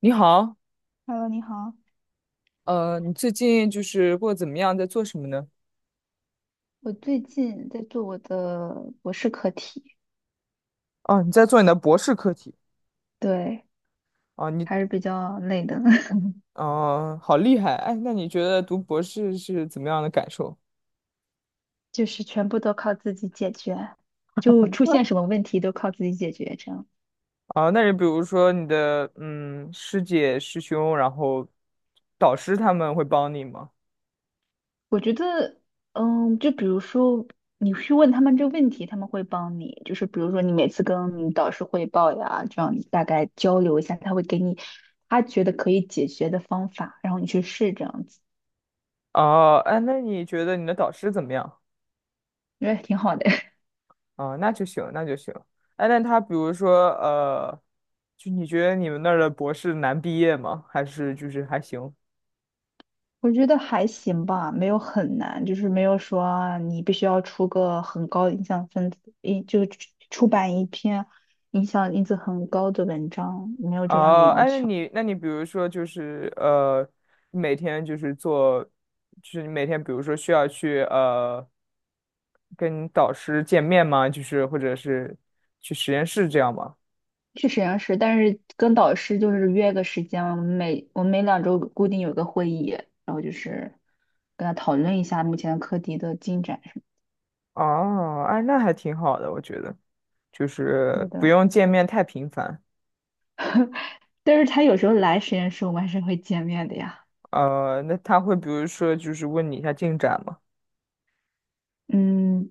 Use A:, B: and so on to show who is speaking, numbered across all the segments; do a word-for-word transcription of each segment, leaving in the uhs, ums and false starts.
A: 你好，
B: Hello，你好，
A: 呃，你最近就是过得怎么样，在做什么呢？
B: 我最近在做我的博士课题，
A: 哦，你在做你的博士课题
B: 对，
A: 啊，你，
B: 还是比较累的，
A: 哦，好厉害！哎，那你觉得读博士是怎么样的感受？
B: 就是全部都靠自己解决，就出现什么问题都靠自己解决，这样。
A: 啊，那你比如说你的嗯师姐师兄，然后导师他们会帮你吗？
B: 我觉得，嗯，就比如说你去问他们这个问题，他们会帮你，就是比如说你每次跟你导师汇报呀，这样你大概交流一下，他会给你他觉得可以解决的方法，然后你去试这样子，
A: 哦，哎，那你觉得你的导师怎么样？
B: 我觉得挺好的。
A: 啊，那就行，那就行。哎，那他比如说呃，就你觉得你们那儿的博士难毕业吗？还是就是还行？
B: 我觉得还行吧，没有很难，就是没有说啊你必须要出个很高的影响分子，一就出出版一篇影响因子很高的文章，没有这样的
A: 哦，
B: 要
A: 哎，那
B: 求。
A: 你那你比如说就是呃，每天就是做，就是你每天比如说需要去呃跟导师见面吗？就是或者是去实验室这样吗？
B: 去实验室，但是跟导师就是约个时间，我们每我们每两周固定有个会议，然后就是跟他讨论一下目前课题的进展什
A: 哦，哎，那还挺好的，我觉得就
B: 么
A: 是
B: 的。对
A: 不
B: 的。
A: 用见面太频繁。
B: 但是他有时候来实验室，我们还是会见面的呀。
A: 呃，那他会比如说就是问你一下进展吗？
B: 嗯，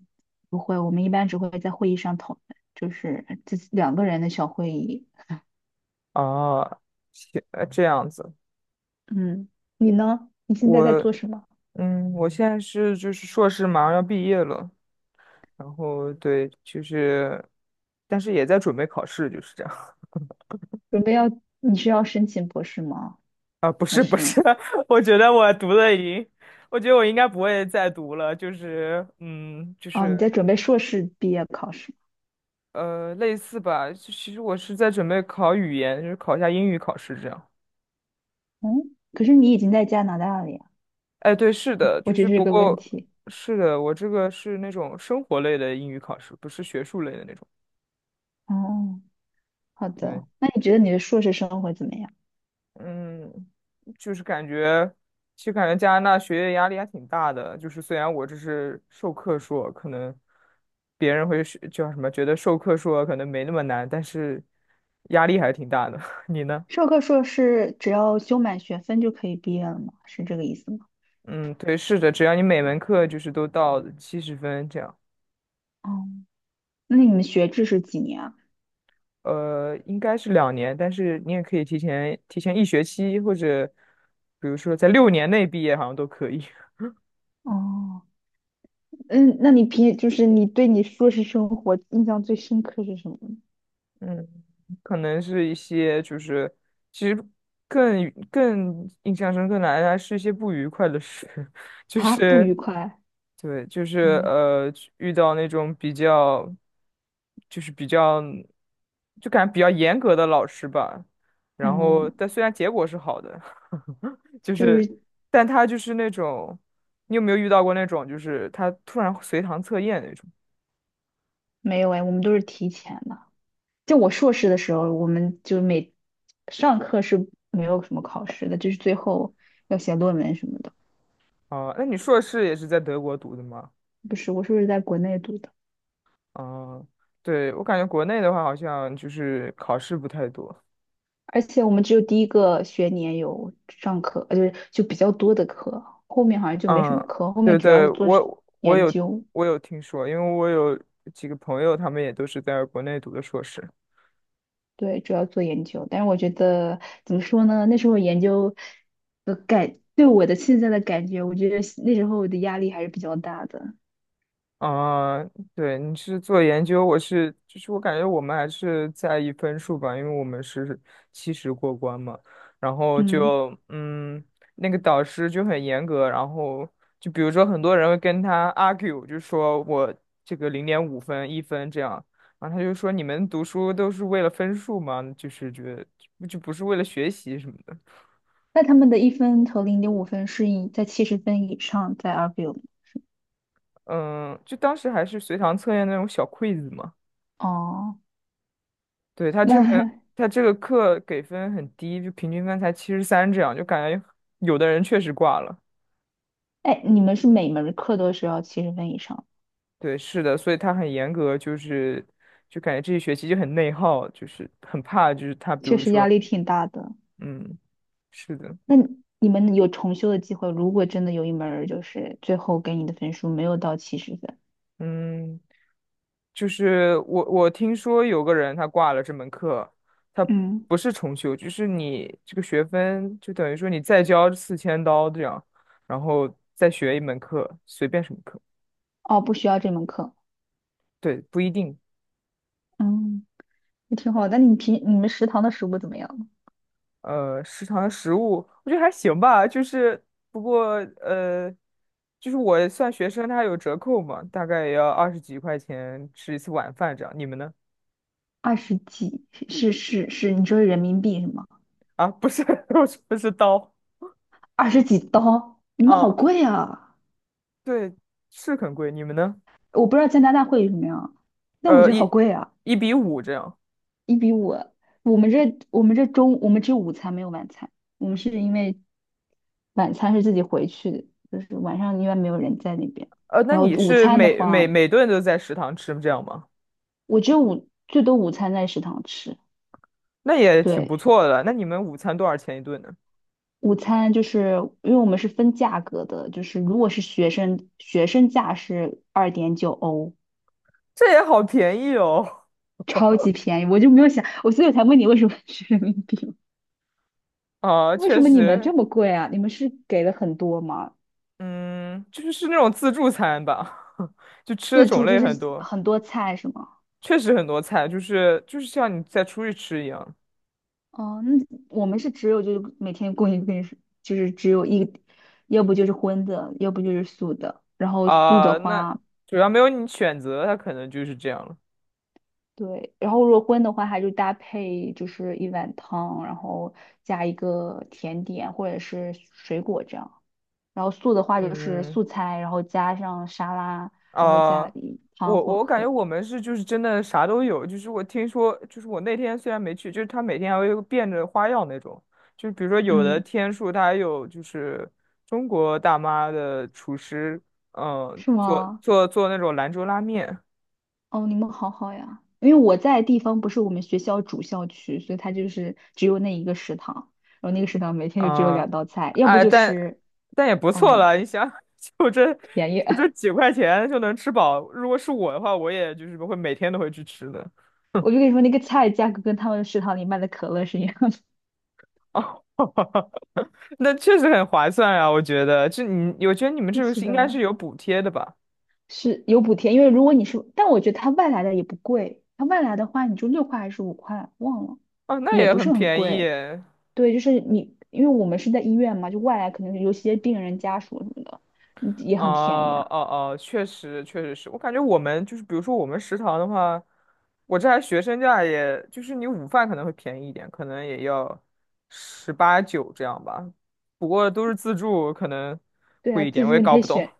B: 不会，我们一般只会在会议上讨论，就是自己两个人的小会议。
A: 哦，行，呃这样子，
B: 嗯，你呢？你现在在
A: 我
B: 做什么？
A: 嗯，我现在是就是硕士马上要毕业了。然后对，就是，但是也在准备考试，就是这样。
B: 准备要，你是要申请博士吗？
A: 啊，不
B: 还
A: 是不
B: 是，
A: 是，我觉得我读的已经，我觉得我应该不会再读了。就是，嗯，就
B: 哦，你
A: 是
B: 在准备硕士毕业考试？
A: 呃，类似吧。其其实我是在准备考语言，就是考一下英语考试这样。
B: 嗯，可是你已经在加拿大了呀，
A: 哎，对，是的，
B: 我
A: 就
B: 只
A: 是
B: 是这
A: 不
B: 个问
A: 过，
B: 题。
A: 是的，我这个是那种生活类的英语考试，不是学术类的那种。
B: 哦，好
A: 对
B: 的，那你觉得你的硕士生活怎么样？
A: 嗯，就是感觉，其实感觉加拿大学业压力还挺大的。就是虽然我这是授课硕，可能别人会是叫什么，觉得授课硕可能没那么难，但是压力还挺大的。你呢？
B: 授课硕士只要修满学分就可以毕业了吗？是这个意思吗？
A: 嗯，对，是的，只要你每门课就是都到七十分这样，
B: 哦，那你们学制是几年啊？
A: 呃，应该是两年，但是你也可以提前提前一学期，或者比如说在六年内毕业，好像都可以。
B: 哦。嗯，那你平就是你对你硕士生活印象最深刻是什么呢？
A: 嗯。可能是一些就是其实更更印象深刻的还是一些不愉快的事，就
B: 啊，不
A: 是
B: 愉快。
A: 对，就是
B: 嗯
A: 呃遇到那种比较就是比较就感觉比较严格的老师吧，然后
B: 嗯，
A: 但虽然结果是好的，就
B: 就
A: 是
B: 是
A: 但他就是那种你有没有遇到过那种就是他突然随堂测验那种
B: 没有哎，我们都是提前的。就我硕士的时候，我们就每上课是没有什么考试的，就是最后要写论文什么的。
A: 啊？那你硕士也是在德国读的吗？
B: 不是，我硕士在国内读的，
A: 嗯，对，我感觉国内的话，好像就是考试不太多。
B: 而且我们只有第一个学年有上课，呃，就是就比较多的课，后面好像就没什么
A: 嗯，
B: 课，后
A: 对
B: 面主要
A: 对，
B: 是做
A: 我我
B: 研
A: 有
B: 究。
A: 我有听说，因为我有几个朋友，他们也都是在国内读的硕士。
B: 对，主要做研究，但是我觉得怎么说呢？那时候研究的感，对我的现在的感觉，我觉得那时候的压力还是比较大的。
A: 啊、对，你是做研究，我是，就是我感觉我们还是在意分数吧，因为我们是七十过关嘛，然后
B: 嗯，
A: 就，嗯，那个导师就很严格，然后就比如说很多人会跟他 argue，就说我这个零点五分、一分这样，然后他就说你们读书都是为了分数吗？就是觉得就不是为了学习什么的，
B: 那他们的一分和零点五分是以在七十分以上在 argue。
A: 嗯，就当时还是随堂测验那种小 quiz 嘛。
B: 哦，
A: 对，他这门
B: 那
A: 他这个课给分很低，就平均分才七十三这样，就感觉有的人确实挂了。
B: 哎，你们是每门课都是要七十分以上，
A: 对，是的，所以他很严格，就是就感觉这一学期就很内耗，就是很怕，就是他比
B: 确
A: 如
B: 实
A: 说，
B: 压力挺大的。
A: 嗯，是的，
B: 那你们有重修的机会，如果真的有一门儿就是最后给你的分数没有到七十分，
A: 嗯，就是我我听说有个人他挂了这门课，他
B: 嗯，
A: 不是重修，就是你这个学分就等于说你再交四千刀这样，然后再学一门课，随便什么课，
B: 哦，不需要这门课。
A: 对，不一定。
B: 嗯。也挺好。但你平你们食堂的食物怎么样？
A: 呃，食堂的食物，我觉得还行吧，就是不过呃，就是我算学生，它有折扣嘛，大概也要二十几块钱吃一次晚饭这样。你们呢？
B: 二十几是是是，你说是人民币是吗？
A: 啊，不是，不说不是刀
B: 二十
A: 具
B: 几刀，你们好
A: 啊，
B: 贵啊！
A: 对，是很贵。你们呢？
B: 我不知道加拿大会有什么样，但我
A: 呃，
B: 觉得好
A: 一
B: 贵啊，
A: 一比五这样。
B: 一比五。我们这我们这中我们只有午餐没有晚餐，我们是因为晚餐是自己回去的，就是晚上因为没有人在那边。
A: 呃，那
B: 然后
A: 你
B: 午
A: 是
B: 餐的
A: 每每
B: 话，
A: 每顿都在食堂吃这样吗？
B: 我只有午最多午餐在食堂吃，
A: 那也挺不
B: 对。
A: 错的。那你们午餐多少钱一顿呢？
B: 午餐就是因为我们是分价格的，就是如果是学生，学生价是二点九欧，
A: 这也好便宜哦。
B: 超级便宜。我就没有想，我所以我才问你为什么是人民币嘛，
A: 啊，
B: 为什
A: 确
B: 么你们
A: 实，
B: 这么贵啊？你们是给了很多吗？
A: 嗯，就是是那种自助餐吧，就吃的
B: 自
A: 种
B: 助就
A: 类
B: 是
A: 很多，
B: 很多菜是吗？
A: 确实很多菜，就是就是像你在出去吃一样
B: 哦，那我们是只有就是每天供应给，就是只有一，要不就是荤的，要不就是素的。然后素的
A: 啊、那
B: 话。
A: 主要没有你选择，它可能就是这样了。
B: 对，然后如果荤的话，它就搭配就是一碗汤，然后加一个甜点或者是水果这样。然后素的话就是
A: 嗯
B: 素菜，然后加上沙拉，然后
A: 啊、
B: 加一汤
A: 我
B: 或
A: 我感觉
B: 和
A: 我们是就是真的啥都有，就是我听说，就是我那天虽然没去，就是他每天还会变着花样那种，就是比如说有的
B: 嗯，
A: 天数他还有就是中国大妈的厨师，嗯、
B: 是
A: 做
B: 吗？
A: 做做那种兰州拉面，
B: 哦，你们好好呀。因为我在的地方不是我们学校主校区，所以它就是只有那一个食堂，然后那个食堂每天就只有
A: 啊、
B: 两道菜，要不
A: 哎，
B: 就
A: 但
B: 吃
A: 但也不错
B: 嗯
A: 了。你想，就这
B: 便宜。
A: 就 这几块钱就能吃饱。如果是我的话，我也就是会每天都会去吃的。
B: 我就跟你说，那个菜价格跟他们食堂里卖的可乐是一样
A: 哦，那确实很划算啊，我觉得。这你，我觉得你们
B: 的。
A: 这个
B: 是
A: 是应该
B: 的。
A: 是有补贴的吧？
B: 是有补贴，因为如果你是，但我觉得它外来的也不贵，它外来的话你就六块还是五块，忘了，
A: 哦，那
B: 也
A: 也
B: 不
A: 很
B: 是很
A: 便宜
B: 贵。
A: 耶
B: 对，就是你，因为我们是在医院嘛，就外来可能有些病人家属什么的，嗯也很便宜
A: 哦
B: 啊。
A: 哦哦，确实确实是我感觉我们就是，比如说我们食堂的话，我这还学生价也，就是你午饭可能会便宜一点，可能也要十八九这样吧，不过都是自助，可能
B: 对啊，
A: 贵一点，
B: 自
A: 我也
B: 助你
A: 搞
B: 可以
A: 不懂。
B: 选，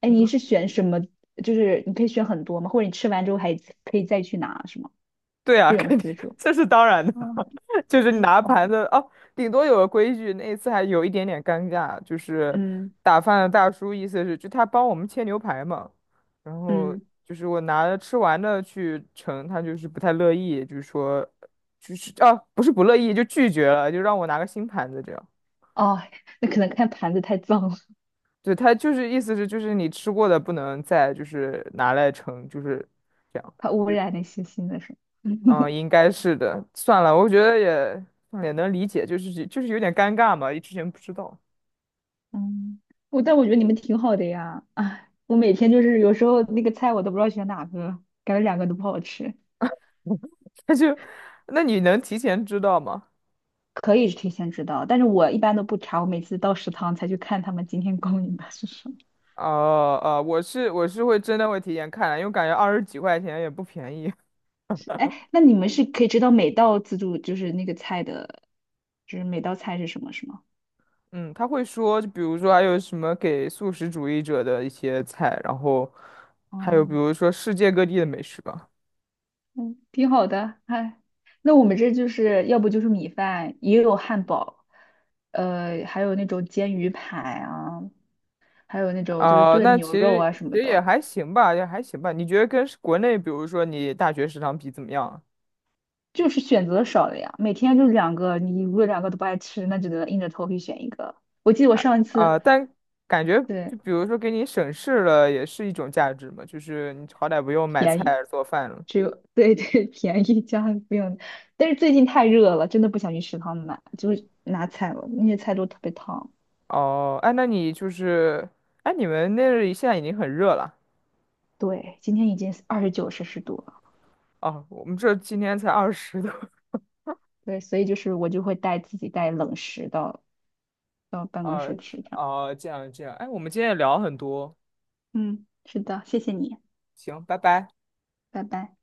B: 哎，你是 选什么？就是你可以选很多嘛，或者你吃完之后还可以再去拿，是吗？
A: 对啊，
B: 这种
A: 肯定
B: 自助。
A: 这是当然的，
B: 哦，
A: 就是你
B: 对，
A: 拿
B: 哦，
A: 盘子哦，顶多有个规矩，那一次还有一点点尴尬，就是
B: 嗯
A: 打饭的大叔意思是就他帮我们切牛排嘛，然后
B: 嗯，
A: 就是我拿着吃完的去盛，他就是不太乐意，就是说就是哦，不是不乐意就拒绝了，就让我拿个新盘子这样，
B: 哦，那可能看盘子太脏了，
A: 对他就是意思是就是你吃过的不能再就是拿来盛，就是。这样。
B: 怕污染那些新的什么。
A: 嗯，应该是的。算了，我觉得也也能理解，就是就是有点尴尬嘛，之前不知道。
B: 嗯，我但我觉得你们挺好的呀。哎，我每天就是有时候那个菜我都不知道选哪个，感觉两个都不好吃。
A: 那就，那你能提前知道吗？
B: 可以提前知道，但是我一般都不查，我每次到食堂才去看他们今天供应的是什么。
A: 哦哦，我是我是会真的会提前看的因为感觉二十几块钱也不便宜。
B: 哎，那你们是可以知道每道自助就是那个菜的，就是每道菜是什么，是吗？
A: 嗯，他会说，就比如说还有什么给素食主义者的一些菜，然后还有
B: 哦，
A: 比如说世界各地的美食吧。
B: 嗯，挺好的。哎，那我们这就是要不就是米饭，也有汉堡，呃，还有那种煎鱼排啊。还有那种就是
A: 啊、
B: 炖
A: 那其
B: 牛肉
A: 实
B: 啊什么
A: 其实也
B: 的，
A: 还行吧，也还行吧。你觉得跟国内，比如说你大学食堂比怎么样啊
B: 就是选择少了呀。每天就两个，你如果两个都不爱吃，那只能硬着头皮选一个。我记得我上一次
A: 啊、但感觉
B: 对
A: 就比如说给你省事了，也是一种价值嘛，就是你好歹不用买
B: 便宜，
A: 菜做饭了。
B: 只有对对 便宜家里不用，但是最近太热了，真的不想去食堂买，就是拿菜了，那些菜都特别烫。
A: 哦，哎，那你就是，哎，你们那里现在已经很热了。
B: 对，今天已经二十九摄氏度了，
A: 哦，我们这今天才二十度。
B: 对，所以就是我就会带自己带冷食到到 办公
A: 哦，
B: 室吃，这样。
A: 哦，这样这样，哎，我们今天也聊了很多，
B: 嗯，是的，谢谢你，
A: 行，拜拜。
B: 拜拜。